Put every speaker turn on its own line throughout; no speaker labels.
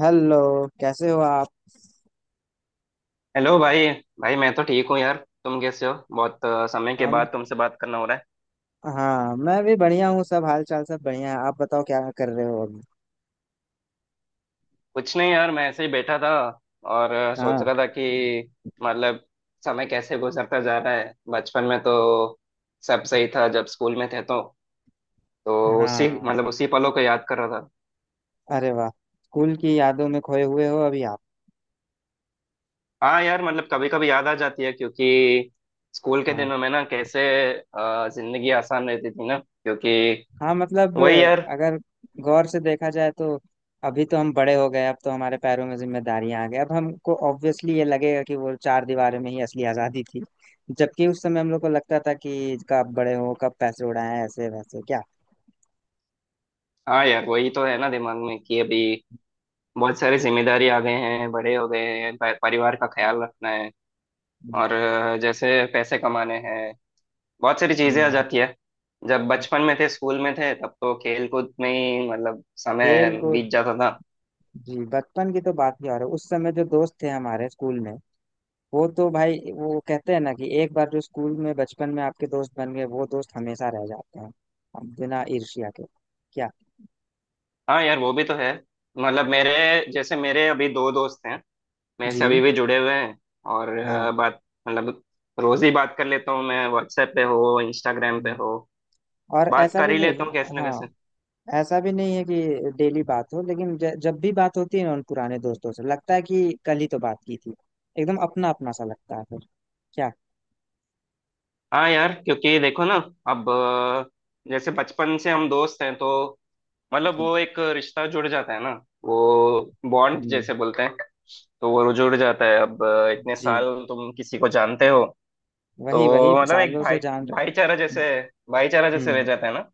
Hello. कैसे हो आप।
हेलो भाई। भाई मैं तो ठीक हूँ यार। तुम कैसे हो? बहुत समय के
हम
बाद तुमसे बात करना हो रहा है।
हाँ, मैं भी बढ़िया हूँ। सब हाल चाल सब बढ़िया है। आप बताओ क्या कर रहे हो अभी।
कुछ नहीं यार, मैं ऐसे ही बैठा था और सोच
हाँ।
रहा था कि मतलब समय कैसे गुजरता जा रहा है। बचपन में तो सब सही था, जब स्कूल में थे तो उसी
हाँ।
मतलब उसी पलों को याद कर रहा था।
अरे वाह। स्कूल की यादों में खोए हुए हो अभी आप।
हाँ यार, मतलब कभी कभी याद आ जाती है, क्योंकि स्कूल के
हाँ।
दिनों में ना कैसे जिंदगी आसान रहती थी ना, क्योंकि
हाँ मतलब।
वही यार।
अगर गौर से देखा जाए तो अभी तो हम बड़े हो गए। अब तो हमारे पैरों में जिम्मेदारियां आ गई। अब हमको ऑब्वियसली ये लगेगा कि वो चार दीवारों में ही असली आजादी थी। जबकि उस समय हम लोग को लगता था कि कब बड़े हो, कब पैसे उड़ाएं, ऐसे वैसे क्या।
हाँ यार, वही तो है ना दिमाग में कि अभी बहुत सारी जिम्मेदारी आ गए हैं, बड़े हो गए हैं, परिवार का ख्याल रखना है
हम्म,
और जैसे पैसे कमाने हैं, बहुत सारी चीजें आ
हम्म।
जाती है। जब
हम्म।
बचपन में थे, स्कूल में थे, तब तो खेल कूद में ही मतलब समय
खेल कूद।
बीत जाता था।
जी, बचपन की तो बात ही और है। उस समय जो दोस्त थे हमारे स्कूल में, वो तो भाई, वो कहते हैं ना कि एक बार जो स्कूल में बचपन में आपके दोस्त बन गए, वो दोस्त हमेशा रह जाते हैं। अब बिना ईर्ष्या के, क्या।
हाँ यार, वो भी तो है। मतलब मेरे जैसे मेरे अभी दो दोस्त हैं, मेरे
जी।
से अभी भी जुड़े हुए हैं और
हाँ।
बात मतलब रोज ही बात कर लेता हूँ। मैं व्हाट्सएप पे हो, इंस्टाग्राम पे
हम्म।
हो,
और
बात
ऐसा
कर
भी
ही
नहीं।
लेता हूँ कैसे ना।
हाँ, ऐसा भी नहीं है कि डेली बात हो, लेकिन जब भी बात होती है ना उन पुराने दोस्तों से, लगता है कि कल ही तो बात की थी। एकदम अपना अपना सा लगता है फिर, क्या।
हाँ यार, क्योंकि देखो ना अब जैसे बचपन से हम दोस्त हैं तो मतलब
जी।
वो एक रिश्ता जुड़ जाता है ना। वो बॉन्ड
हम्म,
जैसे बोलते हैं, तो वो जुड़ जाता है। अब इतने
जी।
साल तुम किसी को जानते हो
वही वही
तो मतलब एक
सालों से जान रहे।
भाईचारा जैसे भाईचारा जैसे रह
हम्म।
जाता है ना।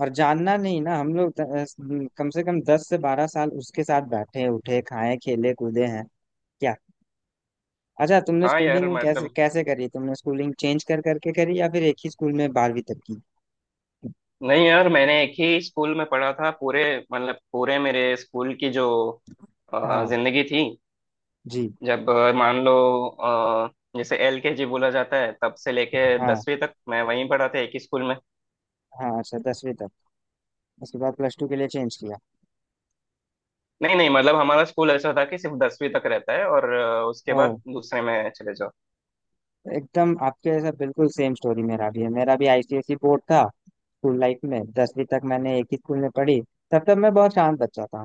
और जानना नहीं ना, हम लोग कम से कम 10 से 12 साल उसके साथ बैठे उठे खाए खेले कूदे हैं। क्या। अच्छा, तुमने
हाँ यार
स्कूलिंग कैसे
मतलब।
कैसे करी? तुमने स्कूलिंग चेंज कर करके करी या फिर एक ही स्कूल में 12वीं तक की?
नहीं यार, मैंने एक ही स्कूल में पढ़ा था। पूरे मतलब पूरे मेरे स्कूल की जो
हाँ।
जिंदगी थी।
जी।
जब मान लो अ, जैसे LKG बोला जाता है, तब से लेके
हाँ
10वीं तक मैं वहीं पढ़ा था, एक ही स्कूल में।
हाँ, अच्छा 10वीं तक। उसके बाद प्लस टू के लिए चेंज किया?
नहीं नहीं मतलब हमारा स्कूल ऐसा था कि सिर्फ 10वीं तक रहता है और उसके बाद
ओह।
दूसरे में चले जाओ।
एकदम आपके जैसा बिल्कुल सेम स्टोरी मेरा भी है। मेरा भी आईसीएसई बोर्ड था। स्कूल लाइफ में 10वीं तक मैंने एक ही स्कूल में पढ़ी। तब तक मैं बहुत शांत बच्चा था।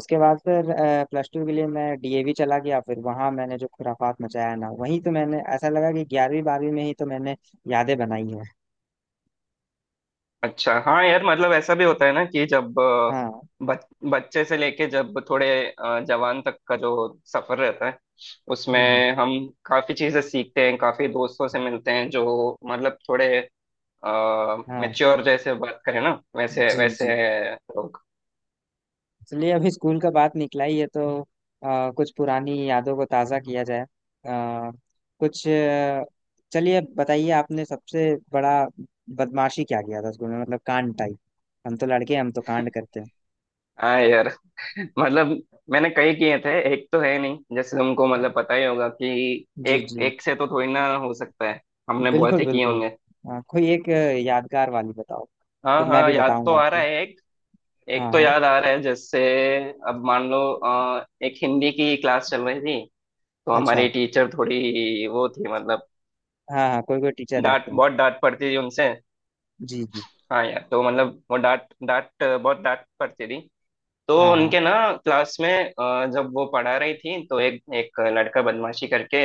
उसके बाद फिर प्लस टू के लिए मैं डीएवी चला गया। फिर वहां मैंने जो खुराफात मचाया ना, वहीं तो मैंने, ऐसा लगा कि 11वीं 12वीं में ही तो मैंने यादें बनाई है।
अच्छा, हाँ यार मतलब ऐसा भी होता है ना कि जब
हाँ।
बच्चे से लेके जब थोड़े जवान तक का जो सफर रहता है,
हम्म,
उसमें हम काफी चीजें सीखते हैं, काफी दोस्तों से मिलते हैं, जो मतलब थोड़े
हाँ।
मैच्योर जैसे बात करें ना, वैसे
जी
वैसे
जी।
लोग।
इसलिए अभी स्कूल का बात निकला ही है, तो कुछ पुरानी यादों को ताज़ा किया जाए। अ, कुछ चलिए बताइए, आपने सबसे बड़ा बदमाशी क्या किया था स्कूल में, मतलब कांड टाइप। हम तो लड़के हैं, हम तो कांड करते हैं।
हाँ यार। मतलब मैंने कई किए थे, एक तो है नहीं, जैसे तुमको मतलब पता ही होगा कि
जी
एक
जी।
एक से तो थोड़ी ना हो सकता है, हमने
बिल्कुल
बहुत ही किए
बिल्कुल।
होंगे।
हाँ, कोई एक यादगार वाली बताओ। फिर
हाँ
मैं
हाँ,
भी
याद तो
बताऊंगा
आ रहा
आपको।
है एक।
हाँ
एक तो
हाँ।
याद आ रहा है, जैसे अब मान लो एक हिंदी की क्लास चल रही थी तो
अच्छा।
हमारी टीचर थोड़ी वो थी मतलब,
हाँ हाँ, कोई कोई टीचर
डांट
रहते हैं।
बहुत डांट पड़ती थी उनसे।
जी जी।
हाँ यार, तो मतलब वो डांट डांट बहुत डांट पड़ती थी। तो
हाँ हाँ
उनके ना क्लास में जब वो पढ़ा रही थी तो एक एक लड़का बदमाशी करके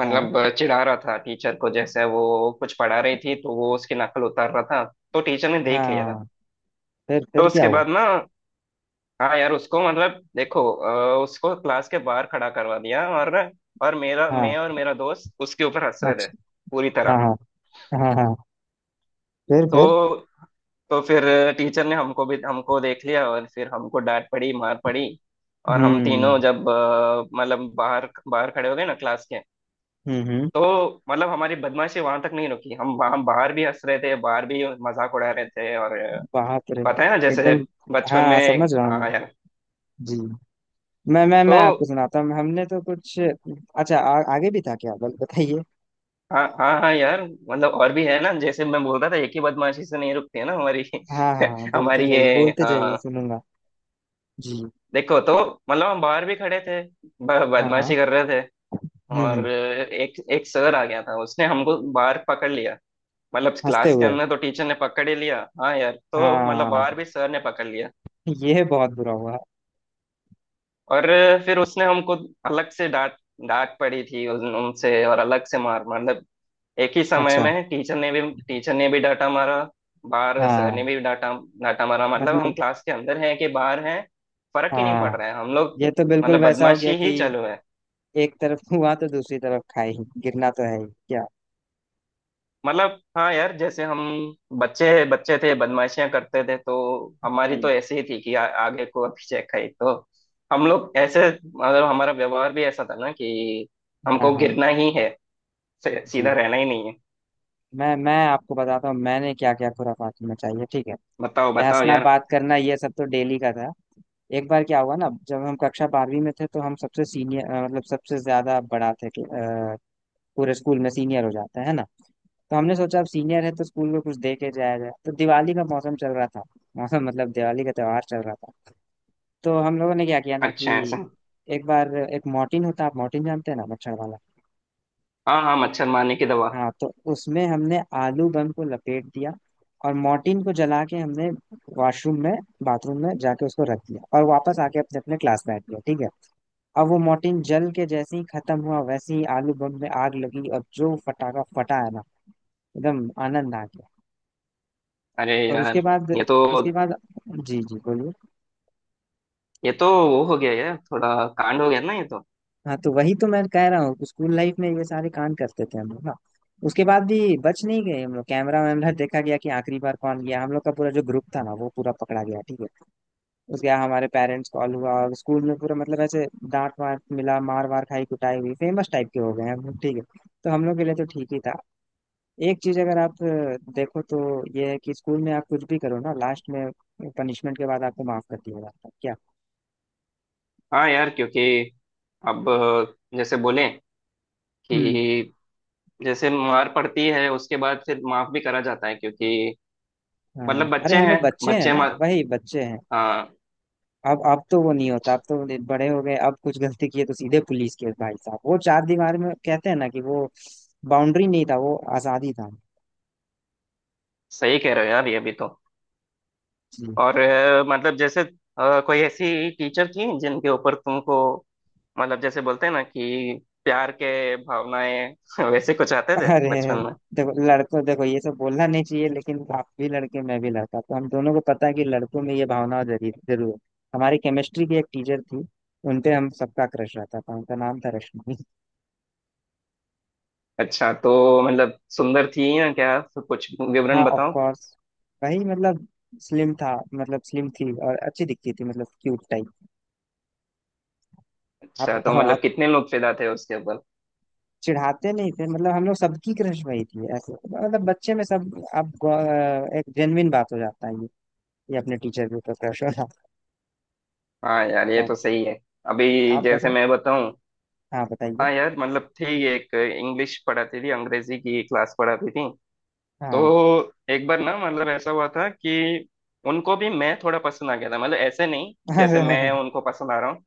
हाँ।
चिढ़ा रहा था टीचर को, जैसे वो कुछ पढ़ा रही थी तो वो उसकी नकल उतार रहा था। तो टीचर ने देख लिया था।
हाँ,
तो
फिर क्या
उसके
हुआ?
बाद ना, हाँ यार, उसको मतलब देखो उसको क्लास के बाहर खड़ा करवा दिया और मेरा
हाँ,
मैं और मेरा दोस्त उसके ऊपर हंस रहे थे
अच्छा।
पूरी
हाँ
तरह।
हाँ हाँ। हाँ, फिर फिर।
तो तो फिर टीचर ने हमको भी हमको देख लिया और फिर हमको डांट पड़ी, मार पड़ी। और हम
हम्म।
तीनों जब मतलब बाहर बाहर खड़े हो गए ना क्लास के,
हम्म।
तो मतलब हमारी बदमाशी वहां तक नहीं रुकी, हम वहां बाहर भी हंस रहे थे, बाहर भी मजाक उड़ा रहे थे और
बाप रे।
पता है ना, जैसे
एकदम। हाँ
बचपन
हाँ,
में,
समझ रहा हूँ मैं।
हाँ यार।
जी। मैं
तो
आपको सुनाता हूँ, हमने तो कुछ अच्छा आगे भी था, क्या बताइए।
हाँ हाँ हाँ यार, मतलब और भी है ना, जैसे मैं बोल रहा था, एक ही बदमाशी से नहीं रुकती है ना हमारी।
हाँ हाँ हाँ, बोलते
हमारी ये,
जाइए बोलते जाइए,
हाँ
सुनूंगा। जी।
देखो तो मतलब हम बाहर भी खड़े थे,
हाँ हाँ।
बदमाशी कर रहे थे
हम्म।
और
हम्म।
एक एक सर आ गया था, उसने हमको बाहर पकड़ लिया। मतलब
हंसते
क्लास के
हुए,
अंदर तो टीचर ने पकड़ ही लिया, हाँ यार, तो मतलब
हाँ।
बाहर भी सर ने पकड़ लिया।
ये बहुत बुरा हुआ।
और फिर उसने हमको अलग से डांट, डांट पड़ी थी उनसे, और अलग से मार, मतलब एक ही समय
अच्छा।
में टीचर ने भी डांटा मारा, बाहर सर ने
हाँ
भी डांटा, डांटा मारा, मतलब हम
मतलब।
क्लास के अंदर हैं कि बाहर हैं, फर्क ही नहीं
हाँ,
पड़ रहा है हम लोग,
ये तो बिल्कुल
मतलब
वैसा हो गया
बदमाशी ही
कि
चालू है।
एक तरफ हुआ तो दूसरी तरफ खाई। गिरना तो है ही, क्या।
मतलब हाँ यार, जैसे हम बच्चे बच्चे थे, बदमाशियां करते थे तो हमारी
हम्म।
तो ऐसी ही थी कि आगे को पीछे खाई, तो हम लोग ऐसे, मतलब हमारा व्यवहार भी ऐसा था ना कि
हाँ
हमको
हाँ।
गिरना ही है,
जी।
सीधा रहना ही नहीं है।
मैं आपको बताता हूँ मैंने क्या क्या खुराफात मचाई है, ठीक है।
बताओ
ये
बताओ
हंसना
यार।
बात करना ये सब तो डेली का था। एक बार क्या हुआ ना, जब हम कक्षा 12वीं में थे तो हम सबसे सीनियर, मतलब सबसे ज्यादा बड़ा थे कि, पूरे स्कूल में सीनियर हो जाते हैं ना। तो हमने सोचा अब सीनियर है तो स्कूल में कुछ दे के जाया जाए, तो दिवाली का मौसम चल रहा था। मौसम मतलब दिवाली का त्योहार चल रहा था। तो हम लोगों ने क्या किया ना
अच्छा है ऐसा।
कि एक बार, एक मॉर्टिन होता है, आप मॉर्टिन जानते हैं ना, मच्छर वाला।
हाँ हाँ, मच्छर मारने की दवा।
हाँ, तो उसमें हमने आलू बम को लपेट दिया और मॉर्टिन को जला के हमने, वॉशरूम में, बाथरूम में जाके उसको रख दिया और वापस आके अपने अपने क्लास बैठ गया, ठीक है। अब वो मॉर्टिन जल के जैसे ही खत्म हुआ वैसे ही आलू बम में आग लगी और जो फटाका फटा है ना, एकदम आनंद आ गया।
अरे
और उसके
यार,
बाद,
ये तो
उसके बाद। जी जी, बोलिए।
ये तो वो हो गया यार, थोड़ा कांड हो गया ना ये तो।
हाँ तो वही तो मैं कह रहा हूँ, स्कूल लाइफ में ये सारे कांड करते थे हम लोग ना। उसके बाद भी बच नहीं गए हम लोग, कैमरा वैमरा देखा गया कि आखिरी बार कौन गया, हम लोग का पूरा जो ग्रुप था ना वो पूरा पकड़ा गया, ठीक है। उसके बाद हमारे पेरेंट्स कॉल हुआ और स्कूल में पूरा, मतलब ऐसे डांट वाट मिला, मार वार खाई, कुटाई हुई, फेमस टाइप के हो गए हम लोग, ठीक है। तो हम लोग के लिए तो ठीक ही था। एक चीज, अगर आप देखो तो, ये है कि स्कूल में आप कुछ भी करो ना, लास्ट में पनिशमेंट के बाद आपको माफ कर दिया जाता है, क्या।
हाँ यार, क्योंकि अब जैसे बोले
हम्म।
कि जैसे मार पड़ती है उसके बाद फिर माफ भी करा जाता है, क्योंकि
हाँ,
मतलब
अरे
बच्चे
हम
हैं,
लोग बच्चे हैं
बच्चे
ना,
मार
वही बच्चे हैं।
हाँ।
अब तो वो नहीं होता, अब तो बड़े हो गए, अब कुछ गलती किए तो सीधे पुलिस केस भाई साहब, वो चार दीवार में कहते हैं ना कि वो बाउंड्री नहीं था, वो आजादी था।
सही कह रहे हो यार, ये भी तो।
जी।
और मतलब जैसे कोई ऐसी टीचर थी जिनके ऊपर तुमको मतलब, जैसे बोलते हैं ना कि प्यार के भावनाएं, वैसे कुछ आते थे
अरे
बचपन में?
देखो लड़कों, देखो, ये सब बोलना नहीं चाहिए, लेकिन आप भी लड़के, मैं भी लड़का, तो हम दोनों को पता है कि लड़कों में ये भावना जरूर जरूर है। हमारी केमिस्ट्री की एक टीचर थी, उनपे हम सबका क्रश रहता था, उनका नाम था रश्मि।
अच्छा, तो मतलब सुंदर थी या क्या? तो कुछ
हाँ,
विवरण
ऑफ
बताओ।
कोर्स। वही मतलब, स्लिम था, मतलब स्लिम थी और अच्छी दिखती थी, मतलब क्यूट टाइप। आप
अच्छा, तो
बताओ आप।
मतलब कितने लोग फिदा थे उसके ऊपर?
चिढ़ाते नहीं थे, मतलब हम लोग सबकी क्रश वही थी, ऐसे मतलब बच्चे में सब आप एक जेन्युइन बात हो जाता है ये अपने टीचर के ऊपर क्रश होना।
हाँ यार, ये
तो
तो सही है। अभी
आप
जैसे
बताओ।
मैं बताऊं।
हाँ, बताइए।
हाँ यार मतलब, थी एक, इंग्लिश पढ़ाती थी, अंग्रेजी की क्लास पढ़ाती थी। तो
हाँ।
एक बार ना मतलब ऐसा हुआ था कि उनको भी मैं थोड़ा पसंद आ गया था, मतलब ऐसे नहीं जैसे मैं उनको पसंद आ रहा हूँ।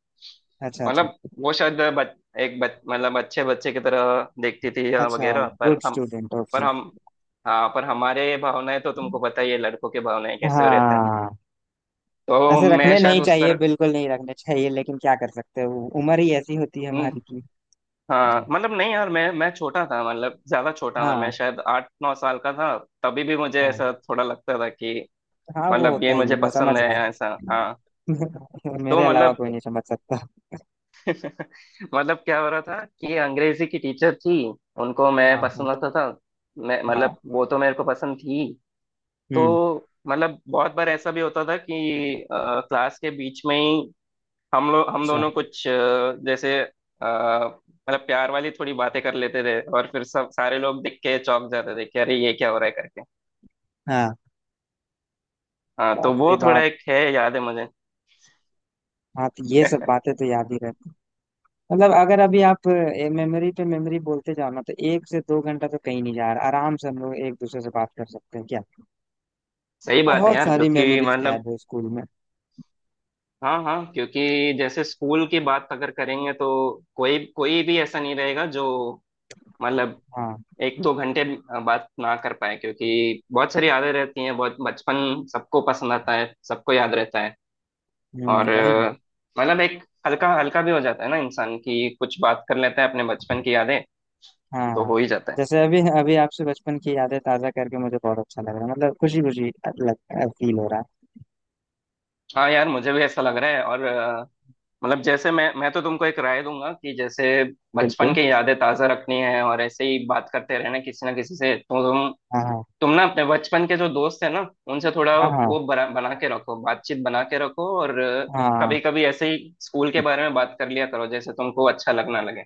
अच्छा अच्छा।
मतलब वो शायद मतलब अच्छे बच्चे की तरह देखती थी या
अच्छा,
वगैरह,
गुड स्टूडेंट,
पर
ओके।
हम हाँ, पर हमारे भावनाएं तो तुमको पता ही है, लड़कों के भावनाएं कैसे रहते हैं।
हाँ,
तो
ऐसे
मैं
रखने
शायद
नहीं
उस
चाहिए,
तरह।
बिल्कुल नहीं रखने चाहिए, लेकिन क्या कर सकते हो, उम्र ही ऐसी होती है
हम्म।
हमारी की।
हाँ
जी।
मतलब, नहीं यार, मैं छोटा था, मतलब ज्यादा छोटा था, मैं
हाँ।
शायद 8-9 साल का था। तभी भी मुझे
हाँ
ऐसा थोड़ा लगता था कि
हाँ, वो
मतलब
होता
ये
ही है,
मुझे
मैं
पसंद
समझ
है
रहा
ऐसा, हाँ।
हूँ।
तो
मेरे अलावा
मतलब
कोई नहीं समझ सकता।
मतलब क्या हो रहा था कि अंग्रेजी की टीचर थी, उनको मैं
हाँ हाँ
पसंद आता था। मैं
हाँ।
मतलब वो तो मेरे को पसंद थी। तो
हम्म।
मतलब बहुत बार ऐसा भी होता था कि क्लास के बीच में ही हम
अच्छा।
दोनों कुछ मतलब प्यार वाली थोड़ी बातें कर लेते थे और फिर सब सारे लोग देख के चौंक जाते थे कि अरे ये क्या हो रहा है करके।
हाँ।
हाँ तो
बाप
वो
रे
थोड़ा
बाप।
एक है, याद है मुझे।
हाँ, तो ये सब बातें तो याद ही रहती। मतलब अगर अभी आप मेमोरी पे मेमोरी बोलते जाओ ना, तो 1 से 2 घंटा तो कहीं नहीं जा रहा, आराम से हम लोग एक दूसरे से बात कर सकते हैं, क्या।
सही बात है
बहुत
यार,
सारी
क्योंकि
मेमोरीज
मतलब
कैद है स्कूल में।
हाँ हाँ, क्योंकि जैसे स्कूल की बात अगर करेंगे तो कोई कोई भी ऐसा नहीं रहेगा जो मतलब
हाँ।
1-2 घंटे बात ना कर पाए, क्योंकि बहुत सारी यादें रहती हैं, बहुत बचपन सबको पसंद आता है, सबको याद रहता है।
हम्म,
और
वही ना।
मतलब एक हल्का हल्का भी हो जाता है ना इंसान की, कुछ बात कर लेता है अपने बचपन की यादें
हाँ
तो
हाँ।
हो ही जाता है।
जैसे अभी अभी आपसे बचपन की यादें ताजा करके मुझे बहुत अच्छा लग रहा है, मतलब खुशी खुशी लग, फील हो रहा है।
हाँ यार, मुझे भी ऐसा लग रहा है और मतलब जैसे मैं तो तुमको एक राय दूंगा कि जैसे बचपन
बिल्कुल।
की यादें ताजा रखनी है और ऐसे ही बात करते रहना किसी ना किसी से, तो
हाँ।
तुम ना अपने बचपन के जो दोस्त है ना उनसे थोड़ा
हाँ हाँ
वो बना के रखो, बातचीत बना के रखो। और
हाँ।
कभी कभी ऐसे ही स्कूल के बारे में बात कर लिया करो, जैसे तुमको अच्छा लगना लगे।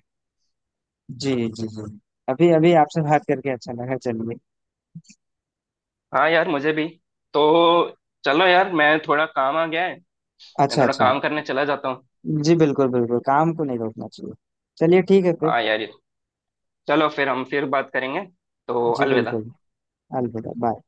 जी जी जी, अभी अभी आपसे बात करके अच्छा लगा, चलिए।
हाँ यार मुझे भी। तो चलो यार, मैं थोड़ा काम आ गया है, मैं
अच्छा
थोड़ा
अच्छा।
काम करने चला जाता हूँ।
जी बिल्कुल, बिल्कुल काम को नहीं रोकना चाहिए। चलिए ठीक है फिर।
हाँ यार, चलो फिर हम फिर बात करेंगे, तो
जी
अलविदा।
बिल्कुल। अलविदा, बाय।